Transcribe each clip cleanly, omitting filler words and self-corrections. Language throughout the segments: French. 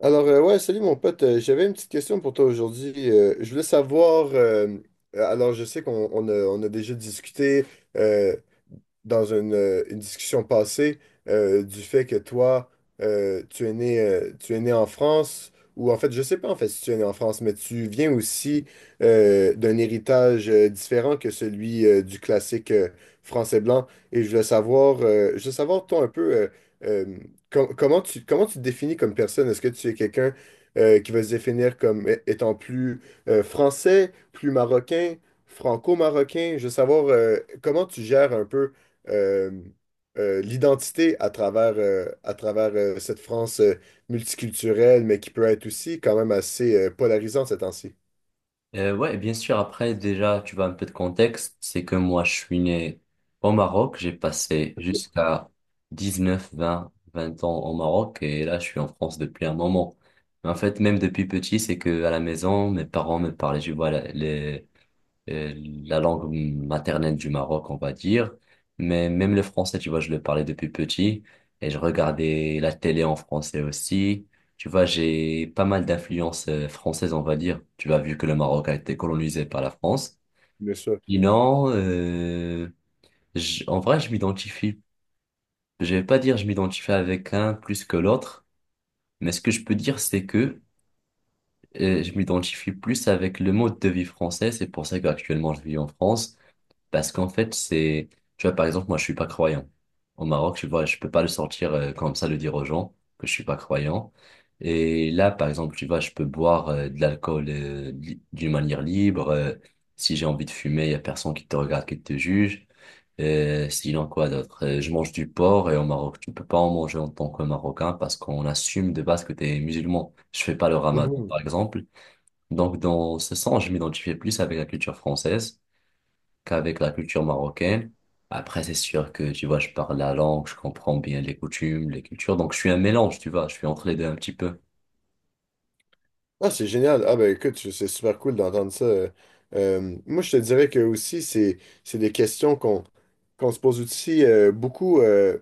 Alors, ouais, salut mon pote. J'avais une petite question pour toi aujourd'hui. Je voulais savoir, alors je sais qu'on on a déjà discuté euh, dans une discussion passée du fait que toi, tu es né en France, ou en fait, je sais pas en fait si tu es né en France, mais tu viens aussi d'un héritage différent que celui du classique français blanc. Et je voulais savoir, je veux savoir toi un peu euh, comment tu te définis comme personne? Est-ce que tu es quelqu'un qui va se définir comme étant plus français, plus marocain? Franco-marocain. Je veux savoir comment tu gères un peu euh, l'identité à travers cette France multiculturelle, mais qui peut être aussi quand même assez polarisante ces temps-ci. Ouais, bien sûr. Après, déjà, tu vois un peu de contexte. C'est que moi, je suis né au Maroc. J'ai passé jusqu'à 19 vingt ans au Maroc. Et là, je suis en France depuis un moment. Mais en fait, même depuis petit, c'est que à la maison, mes parents me parlaient, je vois, euh, la langue maternelle du Maroc, on va dire. Mais même le français, tu vois, je le parlais depuis petit et je regardais la télé en français aussi. Tu vois, j'ai pas mal d'influences françaises, on va dire. Tu vois, vu que le Maroc a été colonisé par la France. Bien sûr. Sinon, en vrai, je m'identifie. Je vais pas dire je m'identifie avec un plus que l'autre, mais ce que je peux dire, c'est que je m'identifie plus avec le mode de vie français. C'est pour ça qu'actuellement, je vis en France. Parce qu'en fait, c'est, tu vois, par exemple, moi, je suis pas croyant. Au Maroc, tu vois, je peux pas le sortir comme ça, le dire aux gens que je suis pas croyant. Et là, par exemple, tu vois, je peux boire de l'alcool d'une manière libre. Si j'ai envie de fumer, il y a personne qui te regarde, qui te juge. Sinon, quoi d'autre? Je mange du porc et au Maroc, tu peux pas en manger en tant que Marocain parce qu'on assume de base que tu es musulman. Je fais pas le ramadan, par exemple. Donc, dans ce sens, je m'identifie plus avec la culture française qu'avec la culture marocaine. Après, c'est sûr que, tu vois, je parle la langue, je comprends bien les coutumes, les cultures. Donc, je suis un mélange, tu vois, je suis entre les deux un petit peu. Ah, c'est génial. Ah, ben écoute, c'est super cool d'entendre ça. Moi, je te dirais que aussi, c'est des questions qu'on se pose aussi beaucoup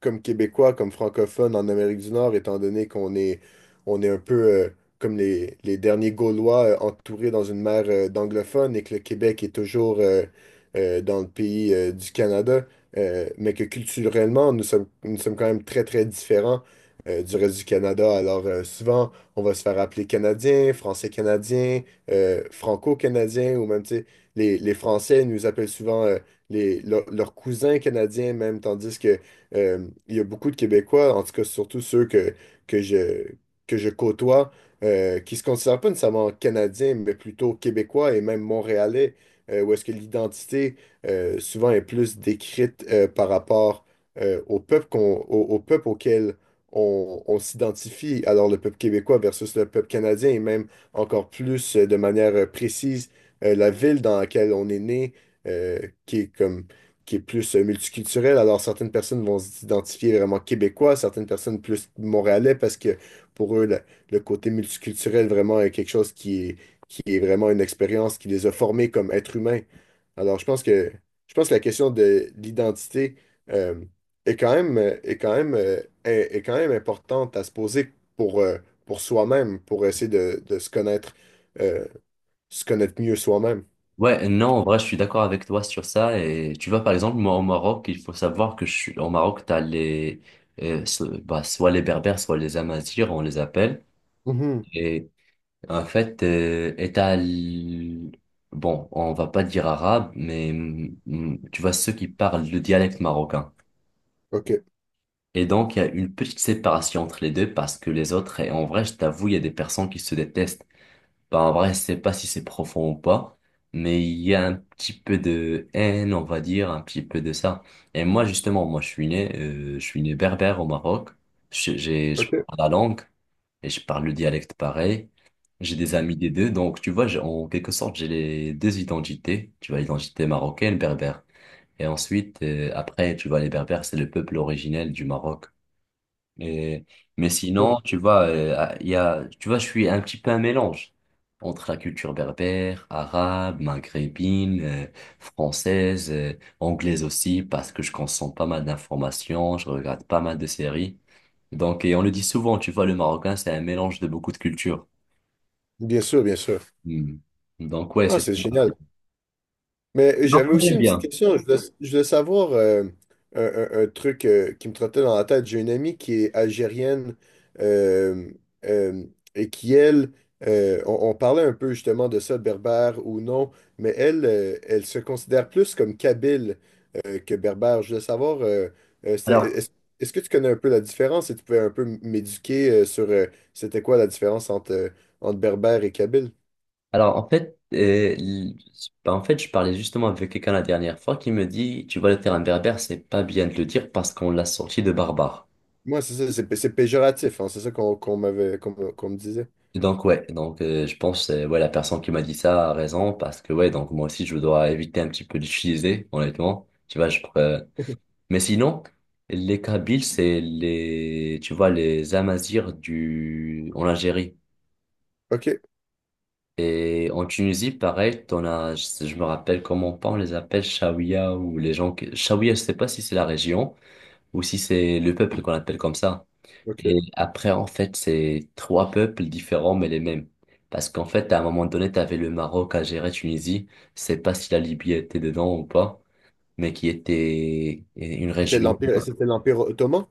comme Québécois, comme francophones en Amérique du Nord, étant donné qu'on est, on est un peu comme les derniers Gaulois entourés dans une mer d'anglophones et que le Québec est toujours dans le pays du Canada, mais que culturellement, nous sommes quand même très, très différents du reste du Canada. Alors, souvent, on va se faire appeler Canadien, Français-Canadien, Franco-Canadien, ou même, tu sais, les Français nous appellent souvent les, leurs cousins canadiens même, tandis que il y a beaucoup de Québécois, en tout cas surtout ceux que je, que je côtoie, qui se considèrent pas nécessairement Canadiens, mais plutôt Québécois et même Montréalais, où est-ce que l'identité souvent est plus décrite par rapport au peuple qu'on, au, au peuple auquel on s'identifie. Alors, le peuple québécois versus le peuple canadien, et même encore plus de manière précise, la ville dans laquelle on est né, euh, qui est comme, qui est plus multiculturelle. Alors, certaines personnes vont s'identifier vraiment québécois, certaines personnes plus montréalais, parce que pour eux, le côté multiculturel vraiment est quelque chose qui est vraiment une expérience qui les a formés comme êtres humains. Alors, je pense que la question de l'identité euh, est quand même, est quand même, est, est quand même importante à se poser pour soi-même, pour essayer de euh, se connaître mieux soi-même. Ouais, non, en vrai, je suis d'accord avec toi sur ça. Et tu vois, par exemple, moi, au Maroc, il faut savoir que je suis, au Maroc, t'as soit les Berbères, soit les Amazighs, on les appelle. Mhm. Et en fait, et t'as l- Bon, on va pas dire arabe, mais tu vois, ceux qui parlent le dialecte marocain. OK. Et donc, il y a une petite séparation entre les deux parce que les autres, et en vrai, je t'avoue, il y a des personnes qui se détestent. Bah, en vrai, je sais pas si c'est profond ou pas, mais il y a un petit peu de haine, on va dire, un petit peu de ça. Et moi, justement, moi, je suis né berbère au Maroc. Je OK. parle la langue et je parle le dialecte pareil. J'ai des amis des deux, donc tu vois, j'ai- En quelque sorte, j'ai les deux identités. Tu vois, l'identité marocaine, berbère. Et ensuite, après, tu vois, les berbères, c'est le peuple originel du Maroc. Et- mais sinon, tu vois, tu vois, je suis un petit peu un mélange entre la culture berbère, arabe, maghrébine, française, anglaise aussi, parce que je consomme pas mal d'informations, je regarde pas mal de séries. Donc, et on le dit souvent, tu vois, le marocain, c'est un mélange de beaucoup de cultures. Bien sûr, bien sûr. Hmm. Donc, ouais, Ah, c'est ça. c'est génial. Mais Non, j'avais aussi j'aime une petite bien. question. Je voulais savoir un, un truc qui me trottait dans la tête. J'ai une amie qui est algérienne euh, euh, et qui, elle, on parlait un peu justement de ça, berbère ou non, mais elle, elle se considère plus comme kabyle que berbère. Je voulais savoir, euh, c'était- Alors, est-ce, est-ce que tu connais un peu la différence et tu pouvais un peu m'éduquer sur c'était quoi la différence entre, entre berbère et kabyle? Alors, l- en fait, je parlais justement avec quelqu'un la dernière fois qui me dit, tu vois, le terme berbère, c'est pas bien de le dire parce qu'on l'a sorti de barbare. Moi, c'est ça, c'est péjoratif, hein, c'est ça qu'on m'avait, qu'on me disait. Donc, ouais, donc, je pense, ouais, la personne qui m'a dit ça a raison parce que, ouais, donc, moi aussi, je dois éviter un petit peu d'utiliser, honnêtement. Mais sinon, les Kabyles, c'est les, tu vois, les Amazirs du, en Algérie. Ok, Et en Tunisie, pareil, je me rappelle comment pas, on les appelle Chaouia ou les gens que, Chaouia, je sais pas si c'est la région ou si c'est le peuple qu'on appelle comme ça. ok. Et après, en fait, c'est trois peuples différents mais les mêmes. Parce qu'en fait, à un moment donné, t'avais le Maroc à gérer Tunisie. Je sais pas si la Libye était dedans ou pas, mais qui était une région C'était l'Empire ottoman,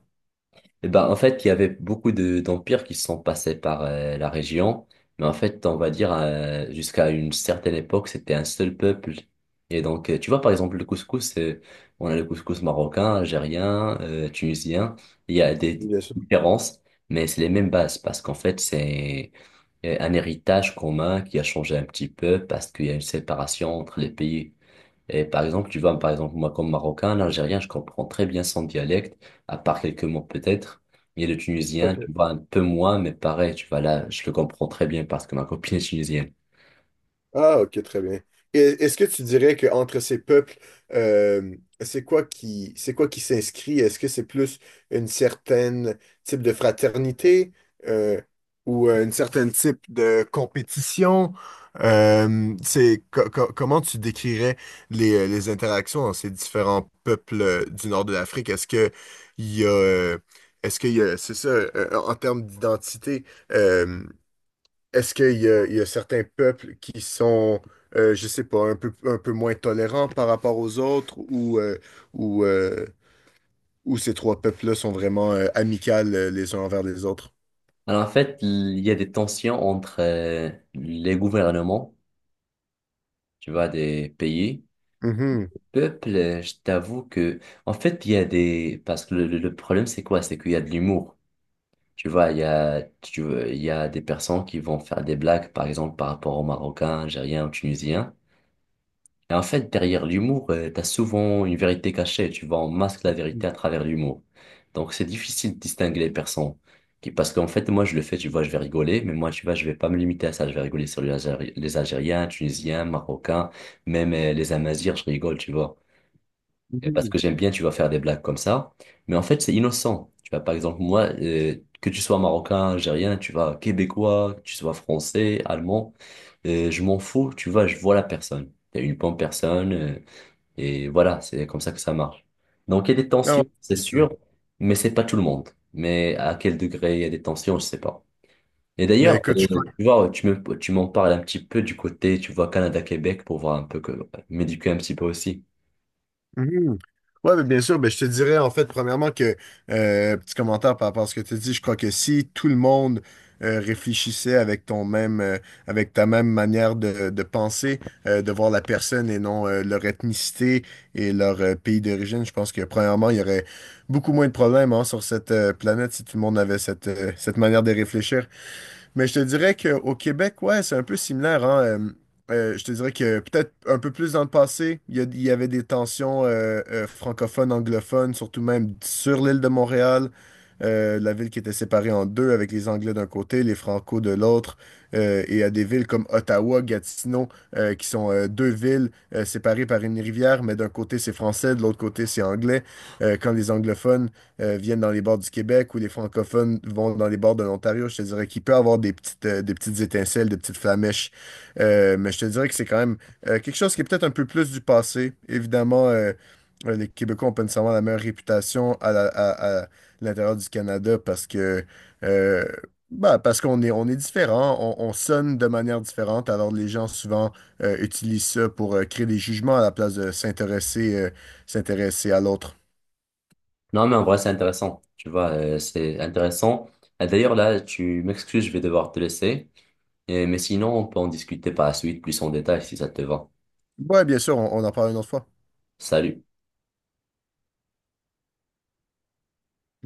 et ben, en fait, il y avait beaucoup d'empires qui sont passés par la région, mais en fait, on va dire, jusqu'à une certaine époque, c'était un seul peuple. Et donc, tu vois, par exemple, le couscous, on a le couscous marocain, algérien, tunisien, il y a des bien sûr. différences, mais c'est les mêmes bases, parce qu'en fait, c'est un héritage commun qui a changé un petit peu, parce qu'il y a une séparation entre les pays. Et par exemple, tu vois, par exemple, moi, comme Marocain, l'Algérien, je comprends très bien son dialecte, à part quelques mots peut-être. Et le Tunisien, Ok. tu vois, un peu moins, mais pareil, tu vois, là, je le comprends très bien parce que ma copine est tunisienne. Ah, ok, très bien. Et est-ce que tu dirais qu'entre ces peuples, c'est quoi qui s'inscrit? Est-ce que c'est plus une certaine type de fraternité euh, ou une certaine type de compétition? C'est, comment tu décrirais les interactions entre ces différents peuples du nord de l'Afrique? Est-ce que il y a, euh, est-ce qu'il y a, c'est ça, en termes d'identité? euh, Est-ce qu'il y a, il y a certains peuples qui sont, je sais pas, un peu moins tolérants par rapport aux autres ou, euh, ou ces trois peuples-là sont vraiment amicales les uns envers les autres? Alors, en fait, il y a des tensions entre les gouvernements, tu vois, des pays. Mhm. Peuple, je t'avoue que, en fait, il y a des, parce que le problème, c'est quoi? C'est qu'il y a de l'humour. Tu vois, il y a, tu, il y a des personnes qui vont faire des blagues, par exemple, par rapport aux Marocains, Algériens ou Tunisiens. Et en fait, derrière l'humour, t'as souvent une vérité cachée, tu vois, on masque la vérité à travers l'humour. Donc c'est difficile de distinguer les personnes. Parce qu'en fait, moi je le fais, tu vois, je vais rigoler, mais moi, tu vois, je vais pas me limiter à ça. Je vais rigoler sur les Algériens, Tunisiens, Marocains, même les Amazirs, je rigole, tu vois. Et parce Mhm. que j'aime bien, tu vas faire des blagues comme ça. Mais en fait, c'est innocent. Tu vois, par exemple, moi, que tu sois marocain, algérien, tu vois, québécois, que tu sois français, allemand, je m'en fous. Tu vois, je vois la personne. T'es une bonne personne. Et voilà, c'est comme ça que ça marche. Donc, il y a des Ah ouais. tensions, c'est sûr, mais c'est pas tout le monde. Mais à quel degré il y a des tensions, je sais pas. Et Mais d'ailleurs, écoute, je. Tu vois, tu m'en parles un petit peu du côté, tu vois, Canada-Québec pour voir un peu que, m'éduquer un petit peu aussi. Mhm. Ouais, mais bien sûr, ben, je te dirais en fait, premièrement, que petit commentaire par rapport à ce que tu dis, je crois que si tout le monde réfléchissait avec ton même avec ta même manière de penser, de voir la personne et non leur ethnicité et leur pays d'origine, je pense que premièrement, il y aurait beaucoup moins de problèmes hein, sur cette planète si tout le monde avait cette, cette manière de réfléchir. Mais je te dirais qu'au Québec, ouais, c'est un peu similaire, hein. Je te dirais que peut-être un peu plus dans le passé, il y, il y avait des tensions francophones, anglophones, surtout même sur l'île de Montréal, la ville qui était séparée en deux avec les Anglais d'un côté, les Francos de l'autre, et à des villes comme Ottawa, Gatineau, qui sont deux villes séparées par une rivière, mais d'un côté c'est français, de l'autre côté c'est anglais. Quand les anglophones viennent dans les bords du Québec ou les francophones vont dans les bords de l'Ontario. Je te dirais qu'il peut avoir des petites étincelles, des petites flamèches. Mais je te dirais que c'est quand même quelque chose qui est peut-être un peu plus du passé. Évidemment, les Québécois ont pas nécessairement la meilleure réputation à l'intérieur du Canada parce que euh, bah, parce qu'on est, on est différent, on sonne de manière différente, alors les gens souvent utilisent ça pour créer des jugements à la place de s'intéresser s'intéresser à l'autre. Non, mais en vrai, c'est intéressant. Tu vois, c'est intéressant. Et d'ailleurs, là, tu m'excuses, je vais devoir te laisser. Mais sinon, on peut en discuter par la suite plus en détail si ça te va. Ouais, bien sûr, on en parle une autre fois. Salut.